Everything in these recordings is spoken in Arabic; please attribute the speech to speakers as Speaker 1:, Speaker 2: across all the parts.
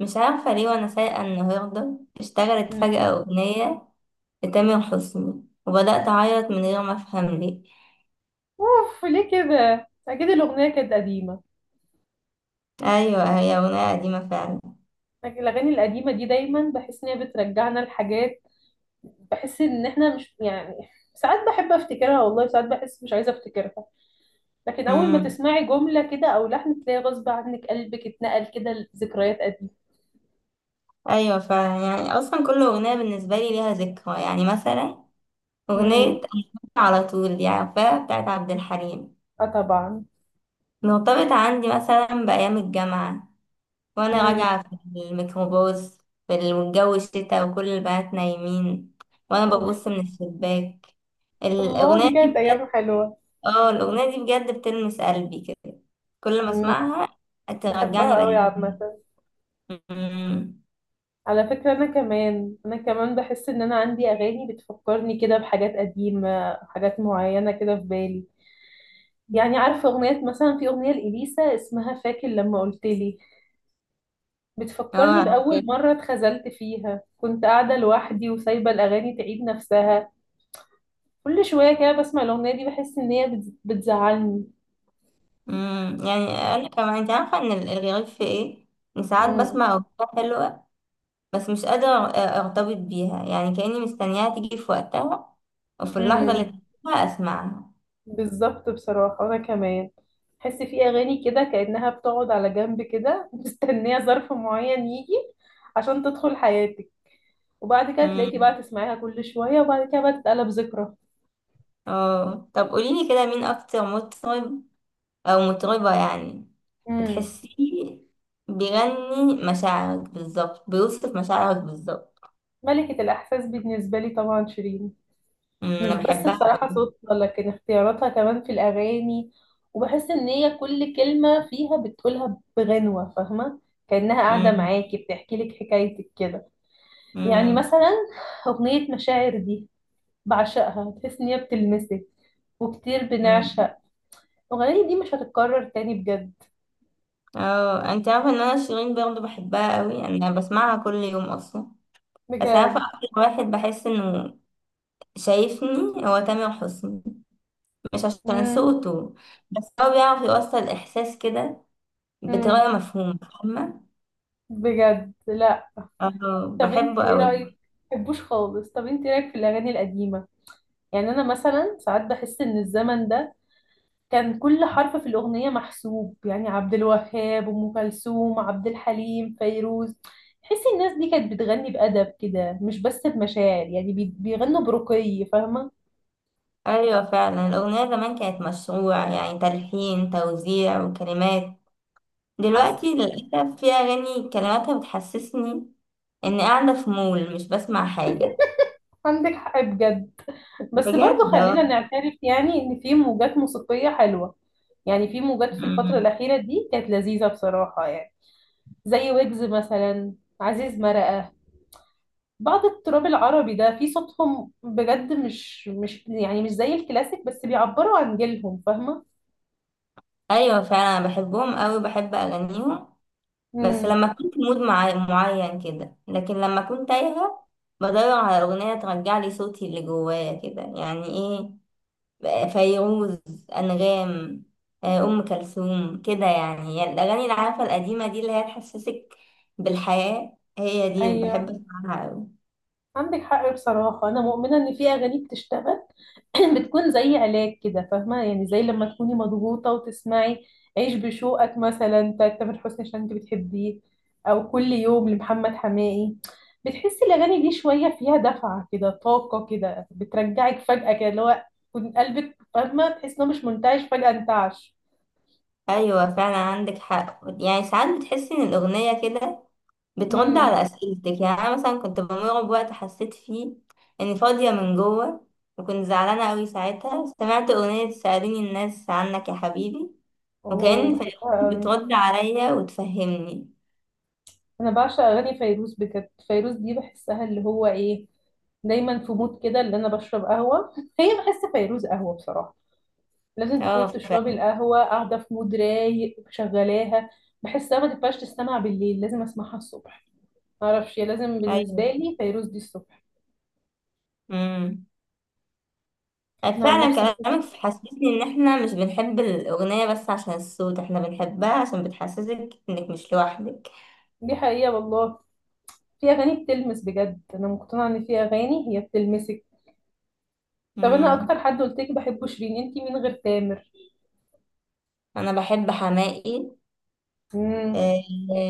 Speaker 1: مش عارفة ليه وأنا سايقة النهاردة اشتغلت
Speaker 2: مم.
Speaker 1: فجأة أغنية لتامر حسني وبدأت أعيط من غير ما أفهم ليه.
Speaker 2: اوف، ليه كده؟ اكيد الاغنيه كانت قديمه.
Speaker 1: أيوة هي أغنية قديمة فعلا.
Speaker 2: لكن الاغاني القديمه دي دايما بحس ان هي بترجعنا لحاجات. بحس ان احنا مش، يعني ساعات بحب افتكرها والله، ساعات بحس مش عايزه افتكرها. لكن اول ما
Speaker 1: امم
Speaker 2: تسمعي جمله كده او لحن، تلاقي غصب عنك قلبك اتنقل كده لذكريات قديمه.
Speaker 1: أيوة فعلا، يعني أصلا كل أغنية بالنسبة لي ليها ذكرى، يعني مثلا أغنية
Speaker 2: امم.
Speaker 1: أنا على طول دي عارفاها بتاعت عبد الحليم،
Speaker 2: اه طبعا.
Speaker 1: مرتبطة عندي مثلا بأيام الجامعة وأنا
Speaker 2: امم.
Speaker 1: راجعة في الميكروباص في الجو الشتا وكل البنات نايمين وأنا
Speaker 2: اوف.
Speaker 1: ببص من الشباك
Speaker 2: الله، دي
Speaker 1: الأغنية
Speaker 2: كانت
Speaker 1: دي.
Speaker 2: ايام حلوه.
Speaker 1: اه الأغنية دي بجد بتلمس قلبي كده كل ما
Speaker 2: امم.
Speaker 1: اسمعها،
Speaker 2: بحبها
Speaker 1: ترجعني
Speaker 2: قوي
Speaker 1: لأيام
Speaker 2: عامه.
Speaker 1: زمان. أمم.
Speaker 2: على فكرة، أنا كمان بحس إن أنا عندي أغاني بتفكرني كده بحاجات قديمة، حاجات معينة كده في بالي. يعني عارفة أغنية، مثلا في أغنية لإليسا اسمها فاكر لما قلتلي،
Speaker 1: اه
Speaker 2: بتفكرني
Speaker 1: اوكي.
Speaker 2: بأول مرة اتخذلت فيها. كنت قاعدة لوحدي وسايبة الأغاني تعيد نفسها. كل شوية كده بسمع الأغنية دي بحس إن هي بتزعلني.
Speaker 1: أمم. يعني انا كمان، انت عارفة ان الغريب في ايه؟ ان ساعات
Speaker 2: مم.
Speaker 1: بسمع أغنية حلوة بس مش قادرة ارتبط بيها، يعني كأني مستنياها تيجي في وقتها وفي اللحظة اللي
Speaker 2: مم.
Speaker 1: تحبها اسمعها.
Speaker 2: بالظبط، بصراحة أنا كمان. تحس في أغاني كده كأنها بتقعد على جنب كده مستنية ظرف معين يجي عشان تدخل حياتك. وبعد كده تلاقيكي
Speaker 1: أمم.
Speaker 2: بقى تسمعيها كل شوية، وبعد كده بقى تتقلب ذكرى.
Speaker 1: اه طب قوليلي كده، مين اكتر مطرب أو مطربة يعني
Speaker 2: امم.
Speaker 1: بتحسيه بيغني مشاعرك بالظبط، بيوصف مشاعرك بالظبط؟
Speaker 2: ملكة الإحساس بالنسبة لي طبعا شيرين.
Speaker 1: أمم، أنا
Speaker 2: مش بس
Speaker 1: بحبها
Speaker 2: بصراحة
Speaker 1: أوي.
Speaker 2: صوتها، لكن اختياراتها كمان في الأغاني. وبحس إن هي كل كلمة فيها بتقولها بغنوة، فاهمة، كأنها قاعدة
Speaker 1: أمم،
Speaker 2: معاكي بتحكي لك حكايتك كده. يعني
Speaker 1: أمم،
Speaker 2: مثلا أغنية مشاعر دي بعشقها، تحس ان هي بتلمسك. وكتير
Speaker 1: أمم.
Speaker 2: بنعشق. الاغنيه دي مش هتتكرر تاني بجد.
Speaker 1: اه انت عارفة ان انا شيرين برضه بحبها أوي، يعني انا بسمعها كل يوم اصلا. بس عارفة
Speaker 2: بجد.
Speaker 1: اكتر واحد بحس انه شايفني؟ هو تامر حسني، مش عشان
Speaker 2: مم.
Speaker 1: صوته بس هو بيعرف يوصل احساس كده
Speaker 2: مم.
Speaker 1: بطريقة مفهومة، فاهمة؟
Speaker 2: بجد لا.
Speaker 1: اه
Speaker 2: طب انت
Speaker 1: بحبه
Speaker 2: ايه
Speaker 1: أوي.
Speaker 2: رايك؟ مبحبوش خالص. طب انت ايه رايك في الاغاني القديمه؟ يعني انا مثلا ساعات بحس ان الزمن ده كان كل حرف في الاغنيه محسوب. يعني عبد الوهاب، ام كلثوم، عبد الحليم، فيروز، تحسي الناس دي كانت بتغني بادب كده، مش بس بمشاعر. يعني بيغنوا برقي، فاهمه.
Speaker 1: ايوه فعلا الاغنيه زمان كانت مشروع، يعني تلحين، توزيع وكلمات.
Speaker 2: حصل.
Speaker 1: دلوقتي للاسف في اغاني كلماتها بتحسسني اني قاعده في مول مش بسمع حاجه.
Speaker 2: عندك حق بجد. بس برضو
Speaker 1: بجد
Speaker 2: خلينا
Speaker 1: اه.
Speaker 2: نعترف يعني ان في موجات موسيقية حلوة. يعني في موجات في الفترة
Speaker 1: أمم.
Speaker 2: الأخيرة دي كانت لذيذة بصراحة. يعني زي ويجز مثلا، عزيز مرقة، بعض التراب العربي ده في صوتهم بجد. مش يعني مش زي الكلاسيك، بس بيعبروا عن جيلهم، فاهمة.
Speaker 1: ايوه فعلا أنا بحبهم قوي، بحب اغانيهم، بس
Speaker 2: امم.
Speaker 1: لما كنت مود معين كده، لكن لما كنت تايهه بدور على اغنيه ترجع لي صوتي اللي جوايا كده، يعني ايه، فيروز، أنغام، آه، أم كلثوم كده، يعني هي الأغاني اللي عارفة القديمة دي اللي هي تحسسك بالحياة، هي دي اللي بحب
Speaker 2: ايوه
Speaker 1: أسمعها أوي.
Speaker 2: عندك حق. بصراحة انا مؤمنة ان في اغاني بتشتغل بتكون زي علاج كده، فاهمة؟ يعني زي لما تكوني مضغوطة وتسمعي عيش بشوقك مثلا بتاعت تامر حسني عشان انت بتحبيه، او كل يوم لمحمد حماقي، بتحسي الاغاني دي شوية فيها دفعة كده، طاقة كده، بترجعك فجأة كده، اللي هو كنت قلبك، فاهمة، تحس انه مش منتعش فجأة انتعش.
Speaker 1: أيوة فعلا عندك حق، يعني ساعات بتحسي إن الأغنية كده بترد
Speaker 2: امم.
Speaker 1: على أسئلتك. يعني أنا مثلا كنت بمر بوقت حسيت فيه إني فاضية من جوه، وكنت زعلانة أوي ساعتها، سمعت أغنية سأليني الناس عنك يا حبيبي،
Speaker 2: اوه،
Speaker 1: وكأن فيروز
Speaker 2: بحبها قوي.
Speaker 1: بترد عليا وتفهمني.
Speaker 2: انا بعشق اغاني فيروز بجد. فيروز دي بحسها اللي هو ايه، دايما في مود كده اللي انا بشرب قهوة. هي، بحس فيروز قهوة بصراحة. لازم تكوني
Speaker 1: اه
Speaker 2: بتشربي
Speaker 1: فعلا.
Speaker 2: القهوة قاعدة في مود رايق شغلاها. بحسها ما تنفعش تستمع بالليل، لازم اسمعها الصبح. معرفش، هي لازم
Speaker 1: أيوة.
Speaker 2: بالنسبة لي فيروز دي الصبح.
Speaker 1: مم. آه،
Speaker 2: انا عن
Speaker 1: فعلا.
Speaker 2: نفسي بحس.
Speaker 1: كلامك حسسني ان احنا مش بنحب الاغنية بس عشان الصوت، احنا بنحبها عشان بتحسسك انك مش لوحدك.
Speaker 2: دي حقيقة والله، في اغاني بتلمس بجد. انا مقتنعة ان في اغاني هي بتلمسك. طب انا اكتر
Speaker 1: مم.
Speaker 2: حد قلت لك بحبه شيرين، انتي مين غير تامر؟
Speaker 1: انا بحب حماقي.
Speaker 2: امم.
Speaker 1: أه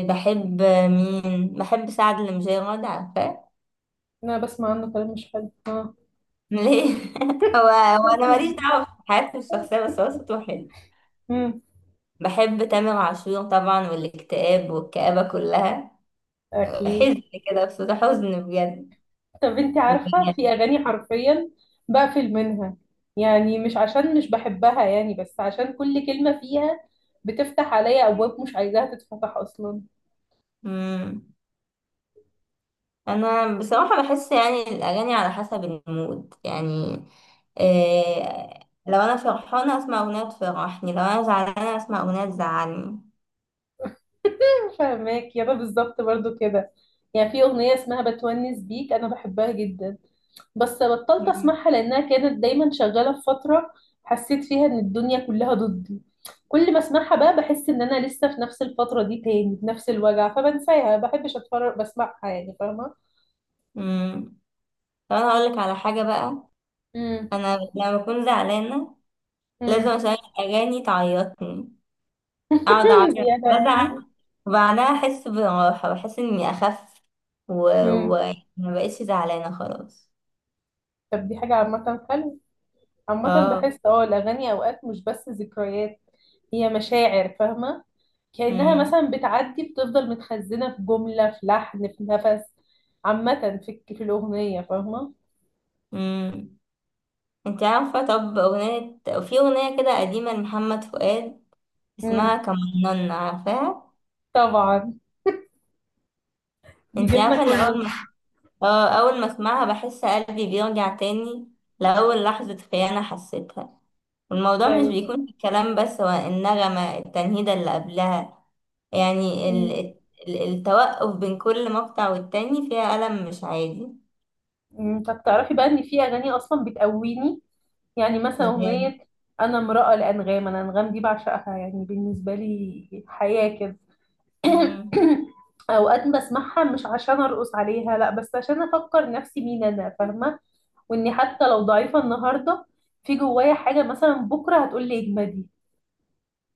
Speaker 1: بحب، مين بحب، سعد المجرد عارفاه؟
Speaker 2: انا بسمع عنه كلام مش حلو اه.
Speaker 1: ليه؟ هو هو انا ماليش
Speaker 2: بس-
Speaker 1: دعوة بحياتي الشخصية، بس هو صوته حلو.
Speaker 2: امم.
Speaker 1: بحب تامر عاشور طبعا، والاكتئاب والكآبة كلها،
Speaker 2: اكيد.
Speaker 1: حزن كده، بصوت حزن بجد.
Speaker 2: طب انت عارفة في
Speaker 1: بجد.
Speaker 2: اغاني حرفيا بقفل منها. يعني مش عشان مش بحبها يعني، بس عشان كل كلمة فيها بتفتح عليا ابواب مش عايزاها تتفتح اصلا.
Speaker 1: مم. انا بصراحه بحس يعني الاغاني على حسب المود، يعني إيه، لو انا فرحانه اسمع اغنيه تفرحني، لو انا زعلانه اسمع اغنيه تزعلني.
Speaker 2: فاهماك يابا، بالظبط برضو كده. يعني في اغنية اسمها بتونس بيك انا بحبها جدا، بس بطلت
Speaker 1: مم.
Speaker 2: اسمعها لانها كانت دايما شغالة في فترة حسيت فيها ان الدنيا كلها ضدي. كل ما اسمعها بقى بحس ان انا لسه في نفس الفترة دي تاني بنفس الوجع، فبنساها، ما بحبش اتفرج بسمعها يعني، فاهمة.
Speaker 1: امم. طب انا هقولك على حاجه بقى،
Speaker 2: امم.
Speaker 1: انا لما بكون زعلانه لازم
Speaker 2: امم.
Speaker 1: اشغل اغاني تعيطني، اقعد اعيط
Speaker 2: زيادة يعني.
Speaker 1: وازعل وبعدها احس براحه، بحس اني اخف و...
Speaker 2: امم.
Speaker 1: و... ما بقتش زعلانه خلاص.
Speaker 2: طب دي حاجة عامة حلوة. عامة
Speaker 1: اه.
Speaker 2: بحس الأغاني أوقات مش بس ذكريات، هي مشاعر، فاهمة. كأنها مثلا بتعدي بتفضل متخزنة في جملة، في لحن، في نفس، عامة، في الأغنية، فاهمة.
Speaker 1: امم. انت عارفة، طب أغنية، في أغنية كده قديمة لمحمد فؤاد اسمها
Speaker 2: امم.
Speaker 1: كمنان، عارفاها؟
Speaker 2: طبعا، دي
Speaker 1: انت
Speaker 2: جيلنا
Speaker 1: عارفة ان
Speaker 2: كله.
Speaker 1: أول ما، اه أول ما اسمعها بحس قلبي بيرجع تاني لأول لحظة خيانة حسيتها، والموضوع
Speaker 2: لا.
Speaker 1: مش بيكون في الكلام بس، هو النغمة، التنهيدة اللي قبلها، يعني
Speaker 2: امم.
Speaker 1: التوقف بين كل مقطع والتاني فيها ألم مش عادي.
Speaker 2: أمم. طب تعرفي بقى إن في أغاني أصلا بتقويني؟ يعني مثلا
Speaker 1: يعني.
Speaker 2: أغنية أنا امرأة لأنغام. أنا أنغام دي بعشقها، يعني بالنسبة لي حياة كده.
Speaker 1: مم.
Speaker 2: اوقات بسمعها مش عشان ارقص عليها لا، بس عشان افكر نفسي مين انا، فاهمه. واني حتى لو ضعيفه النهارده، في جوايا حاجه مثلا بكره هتقول لي اجمدي.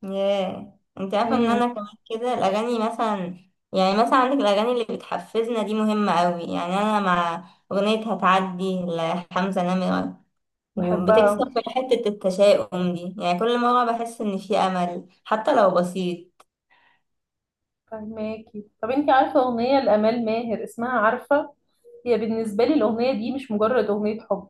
Speaker 1: ياه انت عارفه ان
Speaker 2: امم.
Speaker 1: انا كمان كده الاغاني، مثلا يعني مثلا عندك الاغاني اللي بتحفزنا دي، مهمه قوي، يعني انا مع اغنيه هتعدي لحمزه نمره،
Speaker 2: بحبها.
Speaker 1: وبتكسر في حته التشاؤم دي، يعني كل مره بحس ان في امل حتى لو بسيط.
Speaker 2: فهماكي. طب انت عارفه اغنيه لامال ماهر اسمها عارفه؟ هي بالنسبه لي الاغنيه دي مش مجرد اغنيه حب.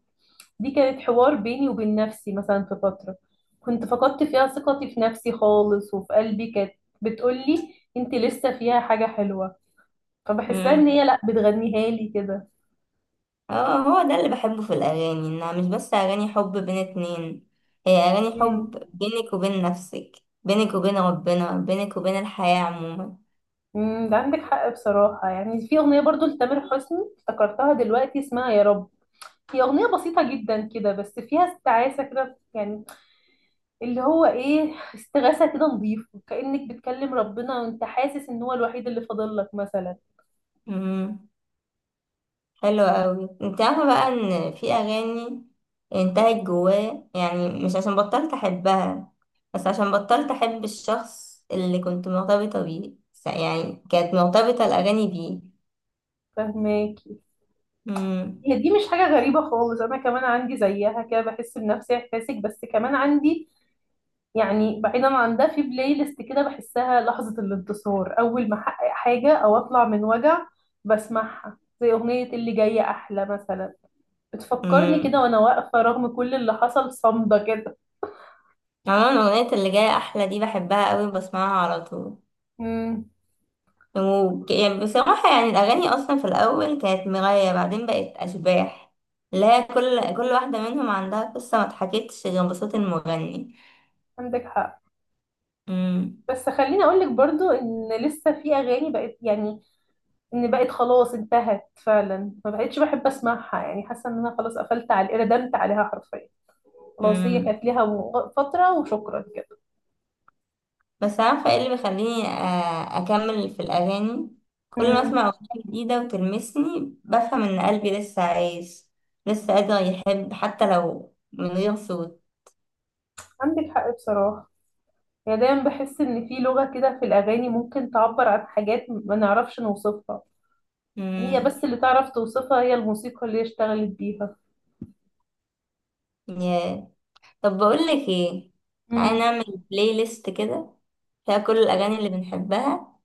Speaker 2: دي كانت حوار بيني وبين نفسي مثلا في فتره كنت فقدت فيها ثقتي في نفسي خالص، وفي قلبي كانت بتقولي انت لسه فيها حاجه حلوه. فبحسها ان
Speaker 1: امم.
Speaker 2: هي لا بتغنيها لي كده.
Speaker 1: اه هو ده اللي بحبه في الاغاني، انها مش بس اغاني حب بين اتنين، هي اغاني
Speaker 2: امم.
Speaker 1: حب بينك وبين نفسك، بينك وبين ربنا، بينك وبين الحياه.
Speaker 2: أمم. ده عندك حق بصراحة. يعني في أغنية برضو لتامر حسني افتكرتها دلوقتي اسمها يا رب. هي أغنية بسيطة جدا كده بس فيها استعاسة كده يعني، اللي هو ايه، استغاثة كده نظيفة، كأنك بتكلم ربنا وانت حاسس ان هو الوحيد اللي فاضل لك مثلا.
Speaker 1: عموما حلو قوي. انت عارفه بقى ان في اغاني انتهت جوايا، يعني مش عشان بطلت احبها، بس عشان بطلت احب الشخص اللي كنت مرتبطه بيه، يعني كانت مرتبطه الاغاني بيه.
Speaker 2: فهماكي.
Speaker 1: امم.
Speaker 2: هي دي مش حاجة غريبة خالص، انا كمان عندي زيها كده، بحس بنفس احساسك، بس كمان عندي يعني، بعيدا عن ده، في بلاي ليست كده بحسها لحظة الانتصار، أول ما أحقق حاجة أو أطلع من وجع بسمعها، زي أغنية اللي جاية أحلى مثلا، بتفكرني كده
Speaker 1: امم.
Speaker 2: وأنا واقفة رغم كل اللي حصل، صامدة كده.
Speaker 1: عموما اغنيه اللي جايه احلى دي بحبها قوي، بسمعها على طول.
Speaker 2: امم.
Speaker 1: يعني بصراحه، يعني الاغاني اصلا في الاول كانت مرايه، بعدين بقت اشباح، اللي هي كل واحده منهم عندها قصه ما اتحكتش غير بصوت المغني.
Speaker 2: عندك حق. بس خليني أقولك برضو إن لسه في أغاني بقت يعني إن بقت، خلاص انتهت فعلا، ما بقتش بحب أسمعها، يعني حاسة إن أنا خلاص قفلت على، ردمت عليها حرفيا، خلاص هي
Speaker 1: امم.
Speaker 2: كانت ليها فترة وشكرا كده.
Speaker 1: بس عارفة ايه اللي بيخليني آه، أكمل في الأغاني؟ كل ما
Speaker 2: امم.
Speaker 1: أسمع أغنية جديدة وتلمسني بفهم إن قلبي لسه عايش، لسه قادر يحب حتى لو من غير صوت.
Speaker 2: عندك حق بصراحة. يعني دايما بحس ان في لغة كده في الاغاني ممكن تعبر عن حاجات ما نعرفش نوصفها. هي
Speaker 1: مم.
Speaker 2: بس اللي تعرف توصفها هي الموسيقى اللي هي اشتغلت بيها.
Speaker 1: ياه. طب بقولك ايه، تعالى
Speaker 2: امم.
Speaker 1: نعمل بلاي ليست كده فيها كل الأغاني اللي بنحبها،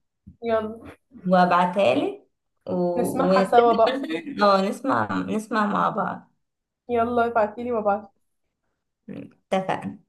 Speaker 2: يلا.
Speaker 1: وأبعتها لك، و...
Speaker 2: نسمعها
Speaker 1: ونتفق
Speaker 2: سوا بقى.
Speaker 1: مثلا، اه نسمع، مع بعض.
Speaker 2: يلا ابعتيلي وابعتلي.
Speaker 1: اتفقنا.